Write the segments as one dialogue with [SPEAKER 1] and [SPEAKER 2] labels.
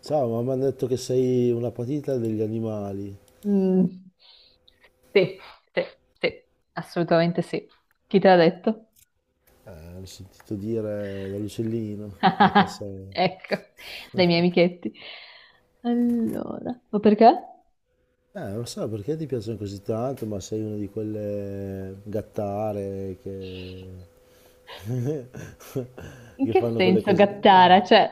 [SPEAKER 1] Ciao, ma mi hanno detto che sei una patita degli animali.
[SPEAKER 2] Mm, sì, sì, sì, assolutamente sì. Chi te l'ha detto?
[SPEAKER 1] L'ho sentito dire dall'uccellino che passava.
[SPEAKER 2] Ecco, dai miei amichetti. Allora, ma perché?
[SPEAKER 1] Non so perché ti piacciono così tanto, ma sei una di quelle gattare che,
[SPEAKER 2] In
[SPEAKER 1] che
[SPEAKER 2] che
[SPEAKER 1] fanno quelle
[SPEAKER 2] senso
[SPEAKER 1] cose. Non so.
[SPEAKER 2] gattara? Cioè,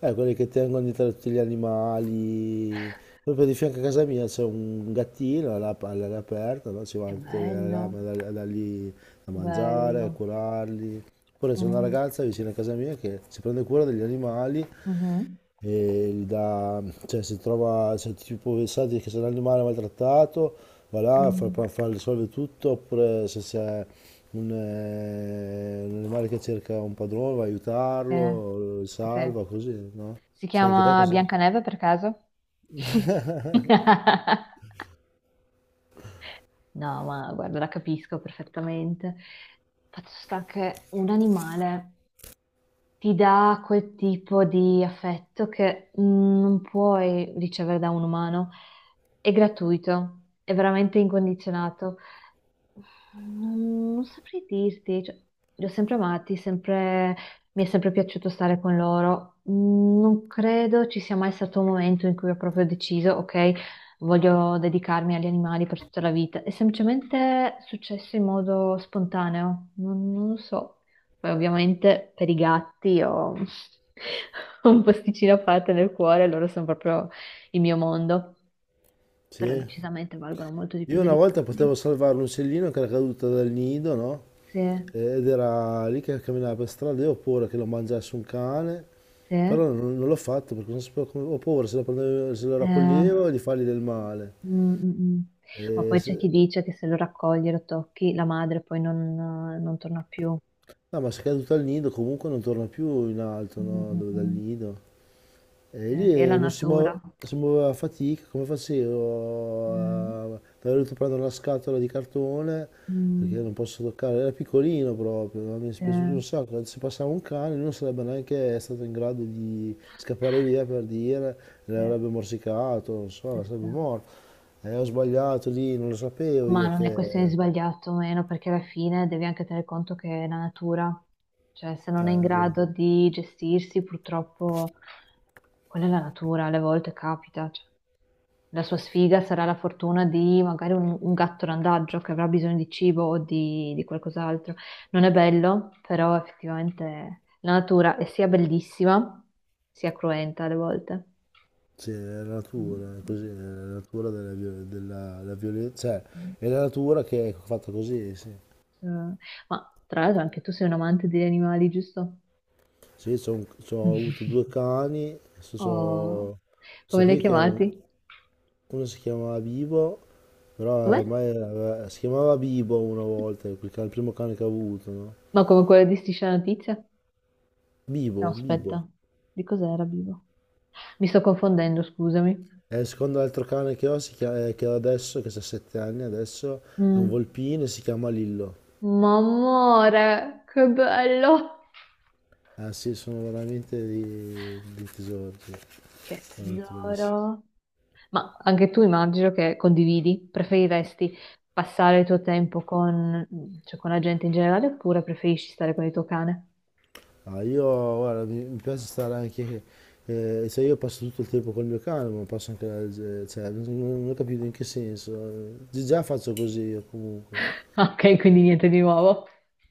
[SPEAKER 1] Quelli che tengono dietro tutti gli animali. Proprio di fianco a casa mia c'è un gattino all'aria aperta, no? Ci
[SPEAKER 2] è
[SPEAKER 1] vanno tutte le
[SPEAKER 2] bello,
[SPEAKER 1] rame da lì a mangiare, a
[SPEAKER 2] bello.
[SPEAKER 1] curarli. Oppure c'è una
[SPEAKER 2] Mm,
[SPEAKER 1] ragazza vicino a casa mia che si prende cura degli animali
[SPEAKER 2] mhm,
[SPEAKER 1] e gli dà, cioè se trova, se tipo pensate che se un animale è maltrattato, va là,
[SPEAKER 2] mm,
[SPEAKER 1] risolve tutto, oppure se c'è un animale che cerca un padrone, va a
[SPEAKER 2] sì,
[SPEAKER 1] aiutarlo, lo
[SPEAKER 2] sì, sì.
[SPEAKER 1] salva, così, no?
[SPEAKER 2] Si
[SPEAKER 1] Fai anche te
[SPEAKER 2] chiama
[SPEAKER 1] così?
[SPEAKER 2] Biancaneve per caso? No, ma guarda, la capisco perfettamente. Fatto sta che un animale ti dà quel tipo di affetto che non puoi ricevere da un umano. È gratuito, è veramente incondizionato. Non, non saprei dirti, cioè, li ho sempre amati, mi è sempre piaciuto stare con loro. Non credo ci sia mai stato un momento in cui ho proprio deciso, ok, voglio dedicarmi agli animali per tutta la vita. È semplicemente successo in modo spontaneo, non lo so. Poi ovviamente per i gatti ho ho un posticino a parte nel cuore, loro sono proprio il mio mondo, però
[SPEAKER 1] Sì?
[SPEAKER 2] decisamente valgono molto di più
[SPEAKER 1] Io una
[SPEAKER 2] degli
[SPEAKER 1] volta potevo
[SPEAKER 2] umani.
[SPEAKER 1] salvare un uccellino che era caduto dal nido, no?
[SPEAKER 2] Sì,
[SPEAKER 1] Ed era lì che camminava per strada, io ho paura che lo mangiasse un cane,
[SPEAKER 2] sì.
[SPEAKER 1] però non l'ho fatto perché non sapevo come, ho paura se lo, se lo
[SPEAKER 2] Mm,
[SPEAKER 1] raccoglievo di fargli del male.
[SPEAKER 2] mm, mm.
[SPEAKER 1] E
[SPEAKER 2] Ma poi
[SPEAKER 1] se-
[SPEAKER 2] c'è chi dice che se lo raccogli e lo tocchi, la madre poi non torna più.
[SPEAKER 1] no, ma se è caduto al nido comunque non torna più in alto,
[SPEAKER 2] Mm,
[SPEAKER 1] no?
[SPEAKER 2] mm,
[SPEAKER 1] Dal
[SPEAKER 2] mm.
[SPEAKER 1] nido. E
[SPEAKER 2] Eh,
[SPEAKER 1] lì
[SPEAKER 2] è la
[SPEAKER 1] non si muove,
[SPEAKER 2] natura.
[SPEAKER 1] si muoveva a fatica, come facevo?
[SPEAKER 2] Mm,
[SPEAKER 1] Mi avevo dovuto prendere una scatola di cartone perché
[SPEAKER 2] mm,
[SPEAKER 1] non posso toccare, era piccolino proprio, ma mi è
[SPEAKER 2] sì,
[SPEAKER 1] dispiaciuto un sacco, se passava un cane lui non sarebbe neanche stato in grado di scappare via per dire,
[SPEAKER 2] sì,
[SPEAKER 1] l'avrebbe morsicato, non so,
[SPEAKER 2] questo
[SPEAKER 1] sarebbe
[SPEAKER 2] è.
[SPEAKER 1] morto. E ho sbagliato lì, non lo sapevo
[SPEAKER 2] Ma
[SPEAKER 1] io
[SPEAKER 2] non è questione di
[SPEAKER 1] che...
[SPEAKER 2] sbagliato o meno, perché alla fine devi anche tenere conto che è la natura, cioè se non è in
[SPEAKER 1] beh,
[SPEAKER 2] grado di gestirsi, purtroppo quella è la natura, alle volte capita. Cioè. La sua sfiga sarà la fortuna di magari un gatto randagio che avrà bisogno di cibo o di qualcos'altro. Non è bello, però effettivamente la natura è sia bellissima, sia cruenta alle volte.
[SPEAKER 1] sì, è la
[SPEAKER 2] Mm.
[SPEAKER 1] natura, è così, è la natura della violenza, cioè
[SPEAKER 2] Mm,
[SPEAKER 1] è la natura che è fatta così, sì.
[SPEAKER 2] mm. Ma tra l'altro anche tu sei un amante degli animali, giusto?
[SPEAKER 1] Sì, ho avuto due cani, questo,
[SPEAKER 2] Oh, come
[SPEAKER 1] questo
[SPEAKER 2] li hai
[SPEAKER 1] qui
[SPEAKER 2] chiamati?
[SPEAKER 1] uno si chiamava Bibo, però
[SPEAKER 2] Com'è?
[SPEAKER 1] si chiamava Bibo una volta, il primo cane che ho avuto, no?
[SPEAKER 2] Ma come quello di Striscia la Notizia?
[SPEAKER 1] Bibo,
[SPEAKER 2] No,
[SPEAKER 1] Bibo.
[SPEAKER 2] aspetta, di cos'era Bibo? Mi sto confondendo, scusami.
[SPEAKER 1] E il secondo altro cane che ho, che ho adesso, che ha 7 anni adesso, è un
[SPEAKER 2] Mm.
[SPEAKER 1] volpino e si chiama Lillo.
[SPEAKER 2] Ma amore, che bello!
[SPEAKER 1] Ah sì, dei tesori, sì,
[SPEAKER 2] Che
[SPEAKER 1] veramente bellissimi.
[SPEAKER 2] tesoro! Ma anche tu immagino che condividi, preferiresti passare il tuo tempo con, cioè, con la gente in generale oppure preferisci stare con il tuo cane?
[SPEAKER 1] Ah, io guarda, mi piace stare anche, cioè io passo tutto il tempo col mio cane, ma passo anche, cioè, non ho capito in che senso. Già faccio così io comunque.
[SPEAKER 2] Ok, quindi niente di nuovo.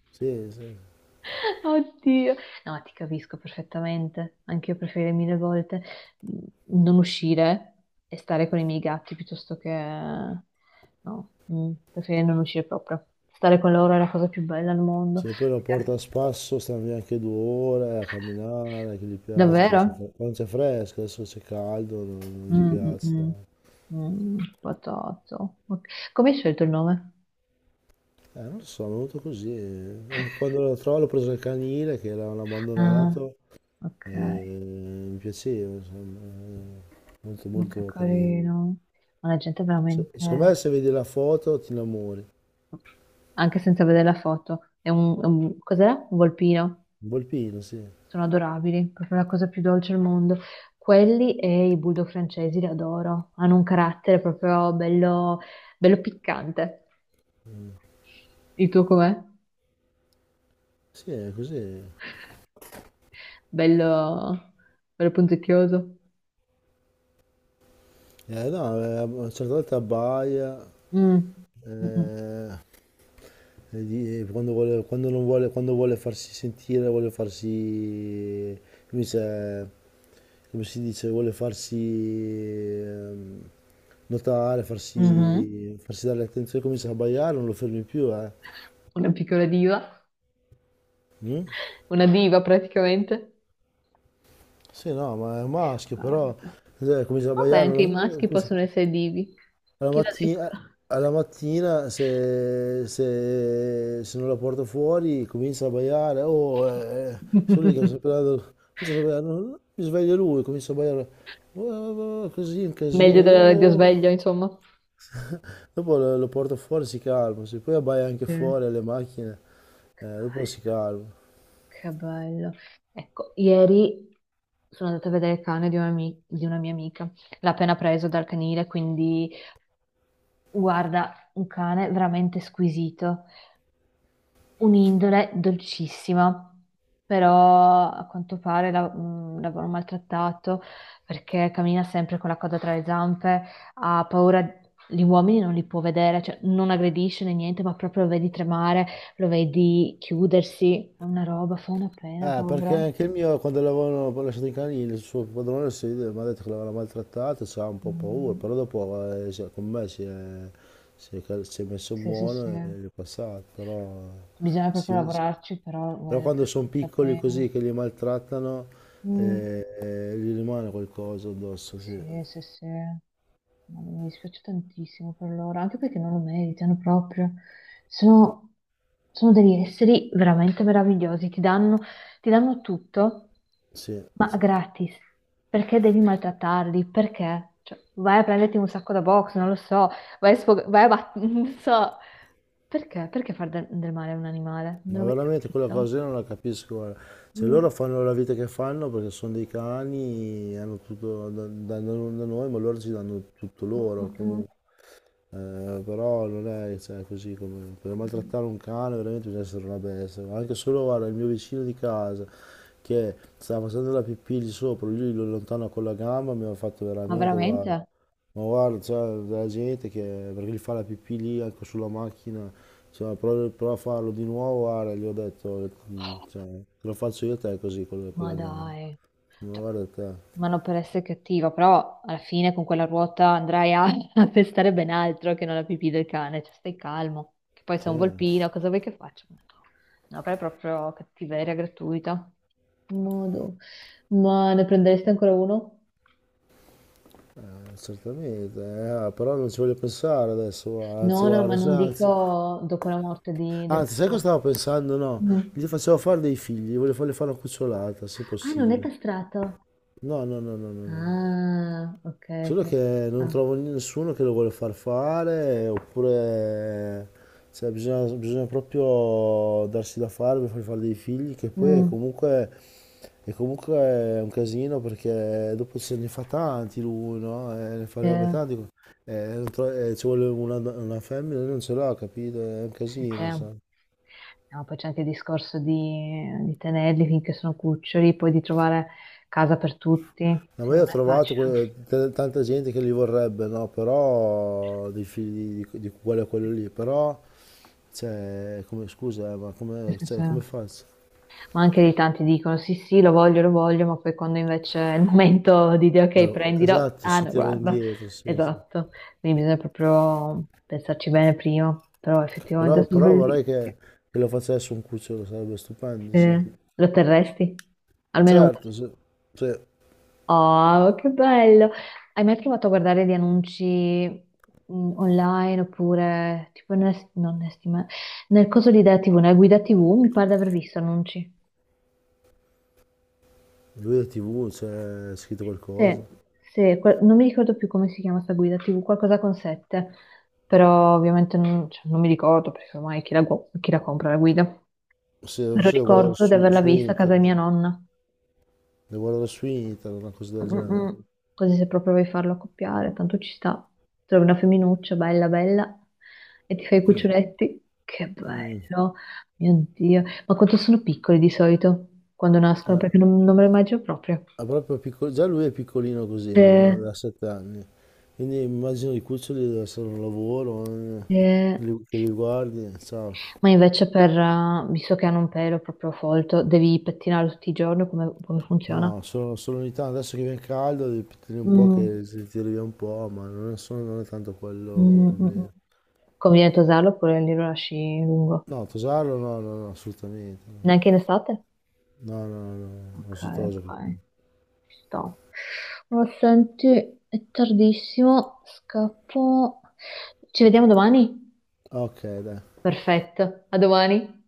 [SPEAKER 1] Sì, sì.
[SPEAKER 2] Oddio, no, ti capisco perfettamente. Anche io preferirei mille volte mm, non uscire e stare con i miei gatti piuttosto che no, preferirei non uscire proprio. Stare con loro è la cosa più bella al mondo.
[SPEAKER 1] Se poi lo porto a spasso, stanno via anche 2 ore a camminare, che gli piace,
[SPEAKER 2] Davvero?
[SPEAKER 1] quando c'è fresco, adesso c'è caldo, non gli
[SPEAKER 2] Mm, mm, mm.
[SPEAKER 1] piace.
[SPEAKER 2] Patato. Ok. Come hai scelto il nome?
[SPEAKER 1] Non lo so, è venuto così. Anche quando lo trovo l'ho preso il canile, che l'avevano
[SPEAKER 2] Ah,
[SPEAKER 1] abbandonato,
[SPEAKER 2] ok,
[SPEAKER 1] e mi piaceva, insomma, molto
[SPEAKER 2] ma che
[SPEAKER 1] molto carino.
[SPEAKER 2] carino. Ma la gente è
[SPEAKER 1] Secondo me
[SPEAKER 2] veramente.
[SPEAKER 1] se vedi la foto ti innamori.
[SPEAKER 2] Anche senza vedere la foto. Cos'è? Un volpino.
[SPEAKER 1] Un volpino, sì.
[SPEAKER 2] Sono adorabili, proprio la cosa più dolce al mondo. Quelli e i bulldog francesi li adoro. Hanno un carattere proprio bello, bello piccante. Il tuo com'è?
[SPEAKER 1] Sì, è così.
[SPEAKER 2] Bello, bello punzecchioso.
[SPEAKER 1] No, a una certa volta abbaia,
[SPEAKER 2] Mm. Mm,
[SPEAKER 1] eh, e quando vuole, quando non vuole, quando vuole farsi sentire, vuole farsi, come si come si dice, vuole farsi ehm, notare,
[SPEAKER 2] mm, mhm.
[SPEAKER 1] farsi dare attenzione, comincia a abbaiare, non lo fermi più, eh.
[SPEAKER 2] Una piccola diva,
[SPEAKER 1] Mm?
[SPEAKER 2] una diva praticamente.
[SPEAKER 1] Sì, no, ma è un
[SPEAKER 2] Che
[SPEAKER 1] maschio, però
[SPEAKER 2] bello.
[SPEAKER 1] comincia a
[SPEAKER 2] Vabbè,
[SPEAKER 1] abbaiare,
[SPEAKER 2] anche
[SPEAKER 1] non
[SPEAKER 2] i
[SPEAKER 1] lo-
[SPEAKER 2] maschi
[SPEAKER 1] comincia-
[SPEAKER 2] possono essere divi.
[SPEAKER 1] alla
[SPEAKER 2] Chi l'ha
[SPEAKER 1] mattina, alla mattina se non la porto fuori comincia a baiare, oh, sono lì che
[SPEAKER 2] detto?
[SPEAKER 1] comincia a baiare, no, no, mi sveglia lui, comincia a baiare, "Oh, oh, così un casino,
[SPEAKER 2] Meglio
[SPEAKER 1] io...
[SPEAKER 2] di
[SPEAKER 1] oh".
[SPEAKER 2] sveglio, insomma.
[SPEAKER 1] Dopo lo porto fuori, si calma, se poi abbaia anche
[SPEAKER 2] Mm.
[SPEAKER 1] fuori alle macchine,
[SPEAKER 2] Che
[SPEAKER 1] dopo si
[SPEAKER 2] bello,
[SPEAKER 1] calma.
[SPEAKER 2] che bello. Ecco, ieri sono andata a vedere il cane di una mia amica. L'ha appena preso dal canile, quindi guarda, un cane veramente squisito. Un'indole dolcissima, però a quanto pare l'avevano maltrattato perché cammina sempre con la coda tra le zampe, ha paura, gli uomini non li può vedere, cioè non aggredisce né niente, ma proprio lo vedi tremare, lo vedi chiudersi, è una roba, fa una pena,
[SPEAKER 1] Perché
[SPEAKER 2] povero.
[SPEAKER 1] anche il mio, quando l'avevano lasciato in canile, il suo padrone si- mi ha detto che l'avevano maltrattato, c'era un po' paura,
[SPEAKER 2] Mm,
[SPEAKER 1] però dopo con me si è messo
[SPEAKER 2] sì, sì,
[SPEAKER 1] buono
[SPEAKER 2] sì,
[SPEAKER 1] e gli è passato, però, eh,
[SPEAKER 2] bisogna proprio
[SPEAKER 1] si- si-
[SPEAKER 2] lavorarci, però
[SPEAKER 1] però
[SPEAKER 2] vale
[SPEAKER 1] quando sono
[SPEAKER 2] veramente la
[SPEAKER 1] piccoli
[SPEAKER 2] pena.
[SPEAKER 1] così che li maltrattano,
[SPEAKER 2] Mm.
[SPEAKER 1] gli rimane qualcosa addosso, sì,
[SPEAKER 2] Sì, sì, sì. No, mi dispiace tantissimo per loro, anche perché non lo meritano proprio. Sono, sono degli esseri veramente meravigliosi, ti danno tutto,
[SPEAKER 1] sì,
[SPEAKER 2] ma
[SPEAKER 1] sì,
[SPEAKER 2] gratis. Perché devi maltrattarli? Perché? Cioè, vai a prenderti un sacco da box, non lo so, vai a sfog- vai a bat- non so. Perché? Perché far del male a un animale? Non l'ho
[SPEAKER 1] ma
[SPEAKER 2] mai
[SPEAKER 1] veramente quella
[SPEAKER 2] capito.
[SPEAKER 1] cosa io non la capisco, guarda. Cioè
[SPEAKER 2] Mm,
[SPEAKER 1] loro fanno la vita che fanno perché sono dei cani, hanno tutto da noi, ma loro ci danno tutto
[SPEAKER 2] mm,
[SPEAKER 1] loro
[SPEAKER 2] mm,
[SPEAKER 1] comunque. Però non è cioè, così come per
[SPEAKER 2] mm.
[SPEAKER 1] maltrattare un cane veramente bisogna essere una bestia. Ma anche solo guarda, il mio vicino di casa che stava facendo la pipì lì sopra, lui lo allontana con la gamba, mi ha fatto
[SPEAKER 2] Ma
[SPEAKER 1] veramente guarda,
[SPEAKER 2] veramente?
[SPEAKER 1] ma guarda, c'è della gente che perché gli fa la pipì lì anche sulla macchina, cioè, prova a farlo di nuovo, guarda, gli ho detto, mm, cioè, te lo faccio io a te così la con
[SPEAKER 2] Ma
[SPEAKER 1] la gamba.
[SPEAKER 2] dai,
[SPEAKER 1] Ma
[SPEAKER 2] cioè,
[SPEAKER 1] guarda te,
[SPEAKER 2] ma non per essere cattiva, però alla fine con quella ruota andrai a, a pestare ben altro che non la pipì del cane, cioè stai calmo, che poi
[SPEAKER 1] sì,
[SPEAKER 2] sei un volpino, cosa vuoi che faccia? No, però è proprio cattiveria gratuita. Modo. Ma ne prendereste ancora uno?
[SPEAKER 1] certamente, però non ci voglio pensare adesso, guarda, anzi,
[SPEAKER 2] No, no, ma
[SPEAKER 1] guarda,
[SPEAKER 2] non dico dopo la morte del
[SPEAKER 1] anzi, sai cosa
[SPEAKER 2] tuo...
[SPEAKER 1] stavo pensando? No,
[SPEAKER 2] Mm.
[SPEAKER 1] gli facevo fare dei figli, gli voglio fargli fare una cucciolata, se
[SPEAKER 2] Ah, non è
[SPEAKER 1] possibile.
[SPEAKER 2] castrato.
[SPEAKER 1] No, no, no, no, no, no.
[SPEAKER 2] Ah, ok,
[SPEAKER 1] Solo
[SPEAKER 2] ok.
[SPEAKER 1] che non
[SPEAKER 2] Ah,
[SPEAKER 1] trovo nessuno che lo vuole far fare, oppure cioè, bisogna proprio darsi da fare per far fare dei figli, che poi
[SPEAKER 2] mm,
[SPEAKER 1] è comunque un casino perché dopo se ne fa tanti lui, no? Ne
[SPEAKER 2] sì,
[SPEAKER 1] farebbe tanti, non tro- ci vuole una femmina, lui non ce l'ha, capito? È un
[SPEAKER 2] sì,
[SPEAKER 1] casino,
[SPEAKER 2] sì.
[SPEAKER 1] sai.
[SPEAKER 2] No, poi c'è anche il discorso di tenerli finché sono cuccioli, poi di trovare casa per tutti,
[SPEAKER 1] No,
[SPEAKER 2] se
[SPEAKER 1] ma
[SPEAKER 2] non
[SPEAKER 1] io ho
[SPEAKER 2] è
[SPEAKER 1] trovato
[SPEAKER 2] facile.
[SPEAKER 1] tanta gente che li vorrebbe, no? Però dei figli di quello a quello lì, però cioè, come, scusa, ma
[SPEAKER 2] Sì,
[SPEAKER 1] come,
[SPEAKER 2] sì,
[SPEAKER 1] cioè,
[SPEAKER 2] sì.
[SPEAKER 1] come
[SPEAKER 2] Ma
[SPEAKER 1] faccio?
[SPEAKER 2] anche lì tanti dicono sì, sì, lo voglio, ma poi quando invece è il momento di dire ok, prendilo,
[SPEAKER 1] Esatto,
[SPEAKER 2] ah
[SPEAKER 1] si
[SPEAKER 2] no,
[SPEAKER 1] tira
[SPEAKER 2] guarda,
[SPEAKER 1] indietro, sì, sì.
[SPEAKER 2] esatto. Quindi bisogna proprio pensarci bene prima, però effettivamente sono
[SPEAKER 1] Però
[SPEAKER 2] bellissimi.
[SPEAKER 1] vorrei che lo facesse un cucciolo, sarebbe stupendo, sì.
[SPEAKER 2] Sì. Lo terresti? Almeno uno.
[SPEAKER 1] Certo, sì. Cioè,
[SPEAKER 2] Oh, che bello! Hai mai provato a guardare di annunci online oppure tipo nel, non nel, nel coso di Idea TV, nella guida TV? Mi pare di aver visto annunci.
[SPEAKER 1] lui è TV, cioè, è scritto qualcosa.
[SPEAKER 2] Sì, sì, non mi ricordo più come si chiama sta guida TV, qualcosa con sette, però ovviamente non, cioè, non mi ricordo perché ormai chi la, chi la compra la guida.
[SPEAKER 1] Se
[SPEAKER 2] Però
[SPEAKER 1] forse devo guardare
[SPEAKER 2] ricordo di averla
[SPEAKER 1] su
[SPEAKER 2] vista a casa di
[SPEAKER 1] internet,
[SPEAKER 2] mia nonna.
[SPEAKER 1] devo guardare su internet, una cosa del
[SPEAKER 2] Mm,
[SPEAKER 1] genere.
[SPEAKER 2] mm. Così se proprio vuoi farlo accoppiare, tanto ci sta. Trovi una femminuccia bella bella e ti fai i cuccioletti. Che
[SPEAKER 1] Mm,
[SPEAKER 2] bello, mio Dio. Ma quanto sono piccoli di solito quando nascono,
[SPEAKER 1] eh.
[SPEAKER 2] perché non me lo immagino proprio.
[SPEAKER 1] Ma già lui è piccolino così, no?
[SPEAKER 2] Eh,
[SPEAKER 1] Da 7 anni. Quindi immagino i cuccioli deve essere un lavoro,
[SPEAKER 2] eh,
[SPEAKER 1] che li guardi, ciao.
[SPEAKER 2] Ma invece per, visto che hanno un pelo proprio folto, devi pettinarlo tutti i giorni, come funziona?
[SPEAKER 1] No, solo ogni tanto, adesso che viene caldo, devi tenere un po'
[SPEAKER 2] Mm,
[SPEAKER 1] che si tiri via un po', ma non è tanto quello il
[SPEAKER 2] mm, mm, mm.
[SPEAKER 1] problema.
[SPEAKER 2] Conviene tosarlo oppure lì lo lasci lungo?
[SPEAKER 1] No, tosarlo no, no, no, assolutamente.
[SPEAKER 2] Neanche in estate?
[SPEAKER 1] No, no, no, no, non
[SPEAKER 2] Ok,
[SPEAKER 1] si tosa.
[SPEAKER 2] ok. Sta. Oh, senti, è tardissimo, scappo. Ci vediamo domani?
[SPEAKER 1] Ok, dai.
[SPEAKER 2] Perfetto, a domani.